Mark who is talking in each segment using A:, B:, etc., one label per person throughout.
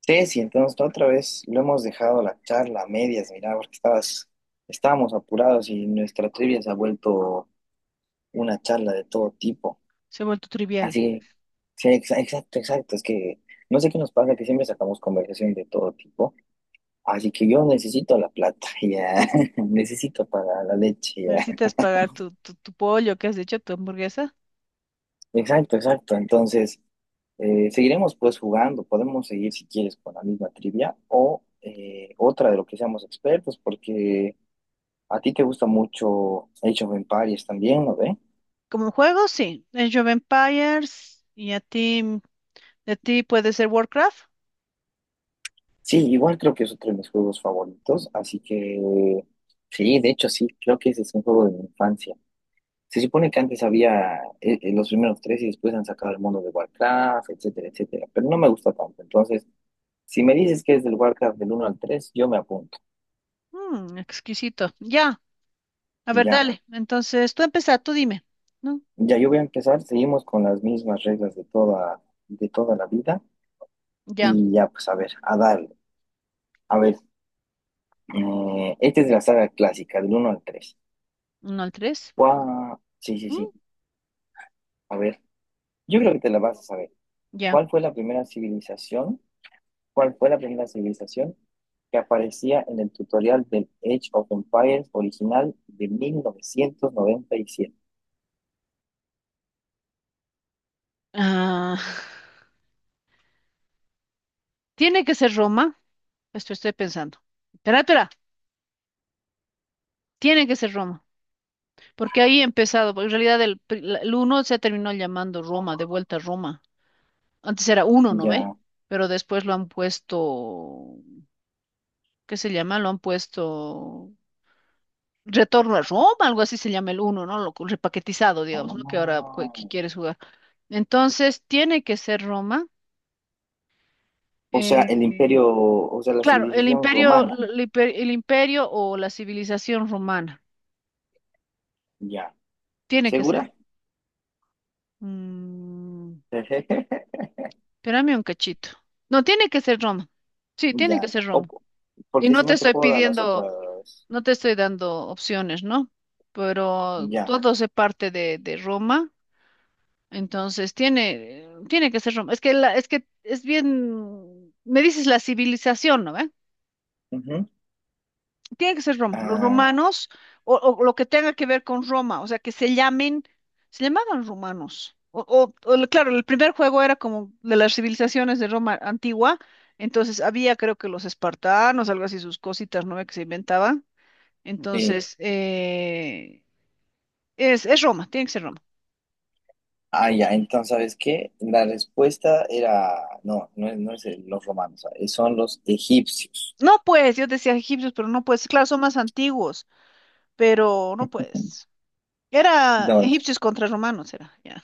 A: Ceci, entonces la otra vez lo hemos dejado la charla a medias, mira, porque estabas, estábamos apurados y nuestra trivia se ha vuelto una charla de todo tipo.
B: Se ha vuelto trivial.
A: Así, sí, exacto, exacto. Es que no sé qué nos pasa, que siempre sacamos conversación de todo tipo. Así que yo necesito la plata, ya. Necesito para la leche, ya.
B: Necesitas pagar tu pollo, ¿que has dicho? Tu hamburguesa.
A: Exacto, exacto. Entonces, seguiremos pues jugando, podemos seguir si quieres con la misma trivia o otra de lo que seamos expertos, porque ¿a ti te gusta mucho Age of Empires también, no ve?
B: Como juego, sí. Age of Empires, y a ti, de ti puede ser Warcraft.
A: Sí, igual creo que es otro de mis juegos favoritos, así que sí, de hecho sí, creo que ese es un juego de mi infancia. Se supone que antes había los primeros tres y después han sacado el mundo de Warcraft, etcétera, etcétera, pero no me gusta tanto. Entonces, si me dices que es del Warcraft del uno al 3, yo me apunto.
B: Mm, exquisito. Ya, a ver,
A: Ya,
B: dale. Entonces, tú empieza, tú dime. ¿No?
A: ya yo voy a empezar, seguimos con las mismas reglas de toda la vida
B: Ya,
A: y ya, pues a ver, a darle. A ver, esta es de la saga clásica, del uno al 3.
B: uno al tres.
A: Guau. Sí, sí,
B: Mm,
A: sí. A ver, yo creo que te la vas a saber.
B: ya.
A: ¿Cuál fue la primera civilización? ¿Cuál fue la primera civilización que aparecía en el tutorial del Age of Empires original de mil novecientos noventa y siete?
B: Ah, tiene que ser Roma. Esto estoy pensando. Espera, espera. Tiene que ser Roma. Porque ahí he empezado, porque en realidad el uno se terminó llamando Roma, de vuelta a Roma. Antes era uno, ¿no ve?
A: Ya.
B: Pero después lo han puesto, ¿qué se llama? Lo han puesto Retorno a Roma, algo así se llama el uno, ¿no? Lo co- repaquetizado,
A: Ah,
B: digamos, ¿no? Que ahora cu- que quieres jugar. Entonces, tiene que ser Roma.
A: o sea,
B: eh,
A: el
B: eh,
A: imperio, o sea, la
B: claro, el
A: civilización
B: imperio,
A: romana.
B: el imper- el imperio o la civilización romana.
A: Ya.
B: Tiene que ser.
A: ¿Segura?
B: Mm, espérame un cachito. No, tiene que ser Roma. Sí, tiene que
A: Ya.
B: ser Roma.
A: O-
B: Y
A: porque
B: no
A: si
B: te
A: no te
B: estoy
A: puedo dar las
B: pidiendo.
A: otras.
B: No te estoy dando opciones, ¿no? Pero
A: Ya.
B: todo se parte de Roma, entonces tiene, tiene que ser Roma. Es que, la, es que es bien, me dices la civilización, ¿no? ¿ve?
A: Ujú.
B: Tiene que ser Roma, los
A: Ah.
B: romanos, o lo que tenga que ver con Roma, o sea, que se llamen, se llamaban romanos. O el- claro, el primer juego era como de las civilizaciones de Roma antigua, entonces había creo que los espartanos, algo así, sus cositas, ¿no? ¿ve? Que se inventaban.
A: Sí.
B: Entonces, es Roma, tiene que ser Roma.
A: Ah, ya, entonces, ¿sabes qué? La respuesta era, no, no es, los romanos, son los egipcios.
B: No puedes, yo decía egipcios, pero no puedes. Claro, son más antiguos, pero no puedes. Era
A: No,
B: egipcios contra romanos, era. Ya.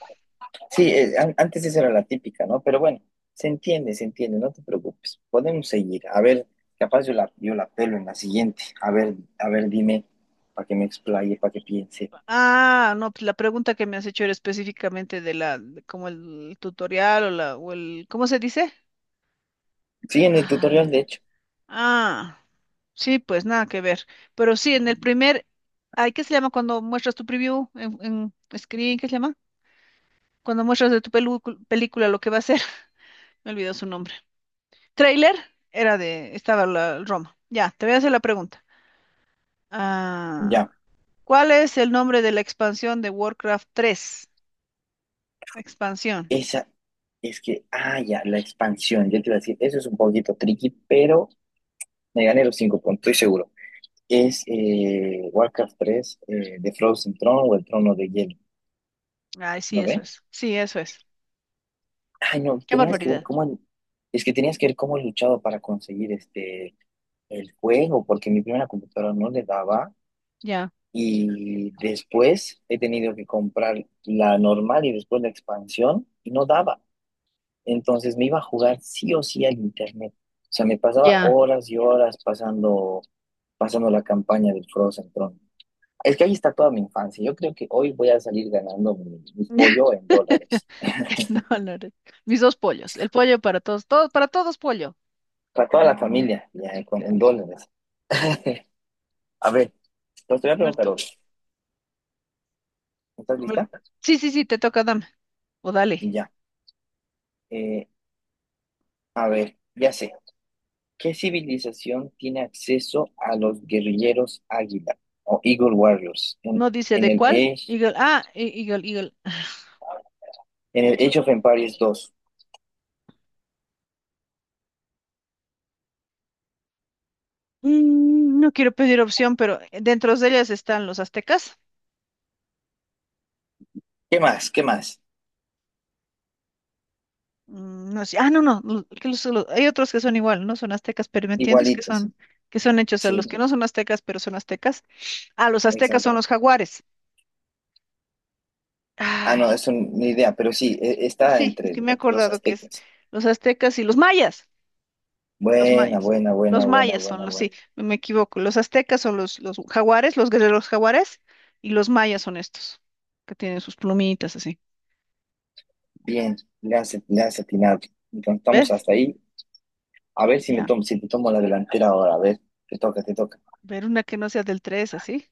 A: sí, antes esa era la típica, ¿no? Pero bueno, se entiende, no te preocupes. Podemos seguir. A ver, capaz yo la, yo la pelo en la siguiente. A ver, dime, para que me explaye, para que piense.
B: Ah, no, pues la pregunta que me has hecho era específicamente de la, de como el tutorial o la, o el, ¿cómo se dice?
A: Sí, en el tutorial,
B: Ay,
A: de hecho,
B: ah, sí, pues nada que ver. Pero sí, en el primer, ay, ¿qué se llama cuando muestras tu preview en screen? ¿Qué se llama? Cuando muestras de tu pelu- película lo que va a ser. Me olvidó su nombre. Trailer era de, estaba la el Roma. Ya, te voy a hacer la pregunta. Ah,
A: ya.
B: ¿cuál es el nombre de la expansión de Warcraft tres? Expansión.
A: Esa es que, ah, ya, la expansión, yo te iba a decir, eso es un poquito tricky, pero me gané los cinco puntos, estoy seguro. Es Warcraft tres, The Frozen Throne o el Trono de Hielo,
B: Ay, sí,
A: ¿no
B: eso
A: ve?
B: es. Sí, eso es.
A: Ay, no,
B: Qué
A: tenías que ver
B: barbaridad.
A: cómo, es que tenías que ver cómo he luchado para conseguir este, el juego, porque mi primera computadora no le daba
B: Ya.
A: y después he tenido que comprar la normal y después la expansión y no daba. Entonces me iba a jugar sí o sí al internet. O sea, me pasaba
B: Ya.
A: horas y horas pasando, pasando la campaña del Frozen Throne. Es que ahí está toda mi infancia. Yo creo que hoy voy a salir ganando mi, mi pollo en dólares.
B: No, no, no. Mis dos pollos. El pollo para todos. Todo, para todos pollo.
A: Para toda la familia, ya, con,
B: A
A: en dólares. A ver, pues te voy a
B: ver
A: preguntar otra.
B: tú.
A: ¿Estás lista?
B: Sí, sí, sí, te toca, dame. O dale.
A: Ya. Eh, a ver, ya sé. ¿Qué civilización tiene acceso a los guerrilleros Águila o Eagle Warriors
B: No dice
A: en
B: de
A: el
B: cuál.
A: Age,
B: Eagle. Ah, e- Eagle, Eagle.
A: en el Age of Empires 2?
B: Mm, no quiero pedir opción, pero dentro de ellas están los aztecas.
A: ¿Qué más? ¿Qué más?
B: Mm, no sé, ah, no, no, lo- que los- lo- hay otros que son igual, no son aztecas, pero ¿me entiendes?
A: Igualitos.
B: Que son hechos a
A: Sí,
B: los que no son aztecas, pero son aztecas. Ah, los aztecas son los
A: exacto.
B: jaguares.
A: Ah, no,
B: Ay,
A: es una idea, pero sí, está
B: sí, es que
A: entre,
B: me he
A: entre los
B: acordado que es
A: aztecas.
B: los aztecas y los mayas, los
A: Buena,
B: mayas.
A: buena,
B: Los
A: buena, buena,
B: mayas son
A: buena,
B: los,
A: buena.
B: sí, me equivoco. Los aztecas son los jaguares, los guerreros jaguares, y los mayas son estos, que tienen sus plumitas así.
A: Bien, le has atinado. Entonces estamos
B: ¿Ves?
A: hasta ahí. A ver si me
B: Ya.
A: tomo, si te tomo la delantera ahora. A ver, te toca, te toca.
B: Ver una que no sea del tres, así.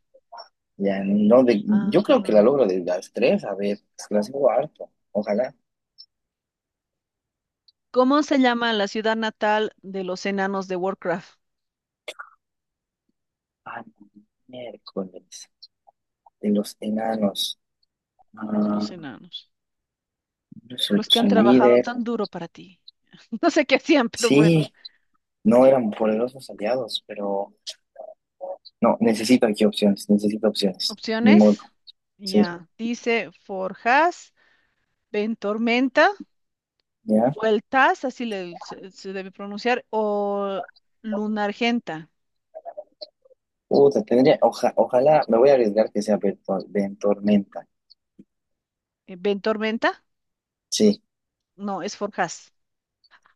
A: Ya no de, yo creo que
B: Ah.
A: la logro de las tres, a ver, se las hago harto. Ojalá.
B: ¿Cómo se llama la ciudad natal de los enanos de Warcraft?
A: Ah, no, miércoles. De los enanos. Ah,
B: Los enanos.
A: son,
B: Los que han
A: son
B: trabajado
A: líder.
B: tan duro para ti. No sé qué hacían, pero bueno.
A: Sí, no eran poderosos aliados, pero no, necesito aquí opciones, necesito opciones. Ni modo.
B: Opciones.
A: Sí,
B: Ya. Dice Forjas, Ventormenta,
A: ya.
B: Vueltas, así le- se debe pronunciar, o Lunargenta.
A: Puta, tendría, ojalá, me voy a arriesgar que sea Ben, Ben Tormenta.
B: ¿Eh, Ventormenta?
A: Sí.
B: No, es Forjas.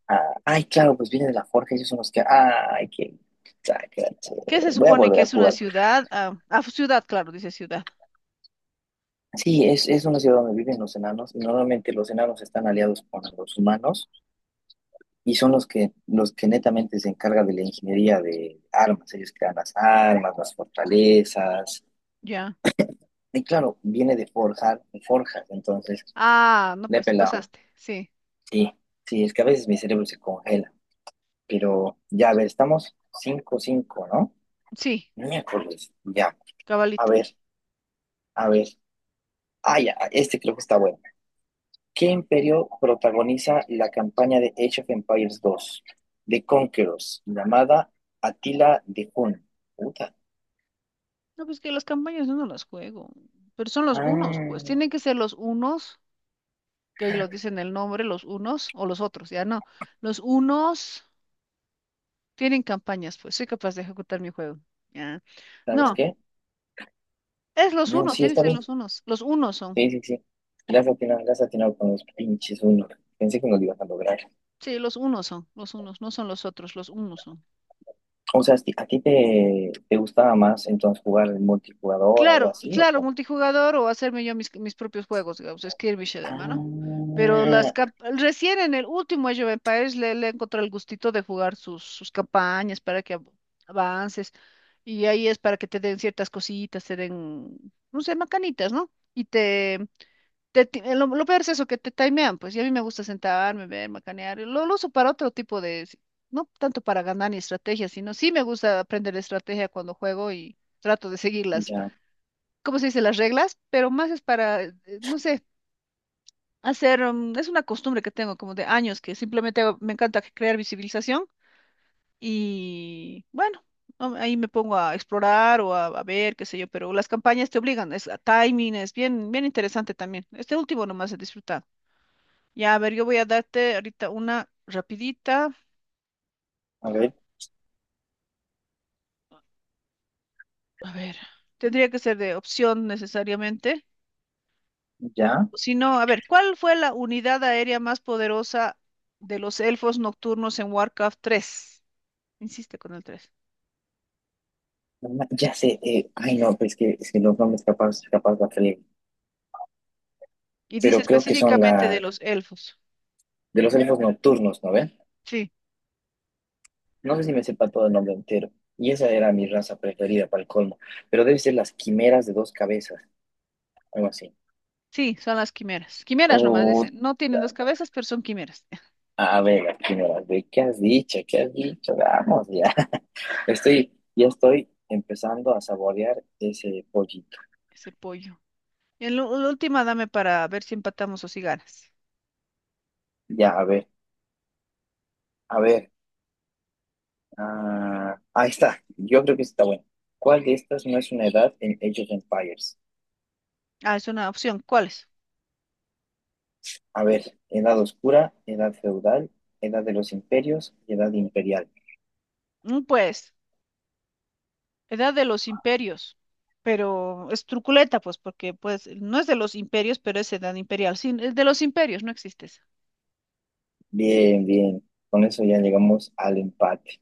A: Ah, ay, claro, pues viene de la Forja, ellos son los que. Ay, qué. Sacache.
B: ¿Qué se
A: Voy a
B: supone
A: volver
B: que
A: a
B: es una
A: jugar.
B: ciudad? Ah, ah, ciudad, claro, dice ciudad.
A: Sí, es una ciudad donde viven los enanos. Y normalmente los enanos están aliados con los humanos y son los que netamente se encargan de la ingeniería de armas. Ellos crean las armas, las fortalezas.
B: Ya.
A: Y claro, viene de forjar, forjas, entonces,
B: Ah, no,
A: de
B: pues te
A: pelado.
B: pasaste. Sí,
A: Sí, sí, es que a veces mi cerebro se congela. Pero ya, a ver, estamos cinco cinco, ¿no?
B: sí,
A: Miércoles, ya. A
B: cabalito.
A: ver, a ver. Ah, ya, este creo que está bueno. ¿Qué imperio protagoniza la campaña de Age of Empires dos de Conquerors, llamada Atila de Hun? Puta.
B: No, pues que las campañas yo no las juego, pero son los unos, pues
A: Ah,
B: tienen que ser los unos, que ahí lo dicen el nombre, los unos o los otros, ya no. Los unos tienen campañas, pues soy capaz de ejecutar mi juego. Ya.
A: ¿sabes
B: No,
A: qué?
B: es los
A: No,
B: unos,
A: sí,
B: tienen que
A: está
B: ser
A: bien.
B: los unos son.
A: Sí, sí, sí. Le has atinado con los pinches uno. Pensé que no lo ibas a lograr.
B: Sí, los unos son, los unos, no son los otros, los unos son.
A: O sea, ¿a ti te, te gustaba más entonces jugar el multijugador, algo
B: Claro,
A: así, o
B: claro,
A: cómo?
B: multijugador o hacerme yo mis, mis propios juegos, digamos, skirmish de mano.
A: Ah,
B: Pero las cap- recién en el último Age of Empires le, le encontré el gustito de jugar sus, sus campañas para que av- avances. Y ahí es para que te den ciertas cositas, te den, no sé, macanitas, ¿no? Y te ti- lo peor es eso, que te timean, pues, y a mí me gusta sentarme, ver, macanear. Y lo uso para otro tipo de, si, no tanto para ganar ni estrategia, sino sí me gusta aprender estrategia cuando juego y trato de seguirlas.
A: ya,
B: ¿Cómo se dice? Las reglas, pero más es para, no sé, hacer, mm, es una costumbre que tengo como de años, que simplemente hago- me encanta crear visibilización y bueno, am- ahí me pongo a explorar o a ver, qué sé yo, pero las campañas te obligan, es a timing, es bien, bien interesante también. Este último nomás he disfrutado. Ya, a ver, yo voy a darte ahorita una rapidita,
A: a ver,
B: a ver, tendría que ser de opción necesariamente.
A: ya,
B: Si no, a ver, ¿cuál fue la unidad aérea más poderosa de los elfos nocturnos en Warcraft tres? Insiste con el 3.
A: Ya sé, ay no, pues es que los nombres capaz, capaz va a salir,
B: Y dice
A: pero creo que son
B: específicamente de
A: las,
B: los elfos.
A: de los elfos nocturnos, ¿no ven?
B: Sí,
A: No sé si me sepa todo el nombre entero, y esa era mi raza preferida para el colmo, pero debe ser las quimeras de dos cabezas, algo así.
B: sí, son las quimeras. Quimeras nomás
A: Oh,
B: dicen. No tienen dos cabezas, pero son quimeras.
A: a ver, las quimeras, ¿de qué has dicho? ¿Qué has dicho? Vamos, ya, estoy, ya estoy empezando a saborear ese pollito.
B: Ese pollo. Y en lo- la última dame para ver si empatamos o si ganas.
A: Ya, a ver, a ver. Ah, ahí está. Yo creo que sí está bueno. ¿Cuál de estas no es una edad en Age of Empires?
B: Ah, es una opción. ¿Cuál es?
A: A ver, edad oscura, edad feudal, edad de los imperios y edad imperial.
B: Mm, pues, edad de los imperios. Pero es truculenta, pues, porque pues no es de los imperios, pero es edad imperial. Sí, es de los imperios, no existe.
A: Bien, bien. Con eso ya llegamos al empate.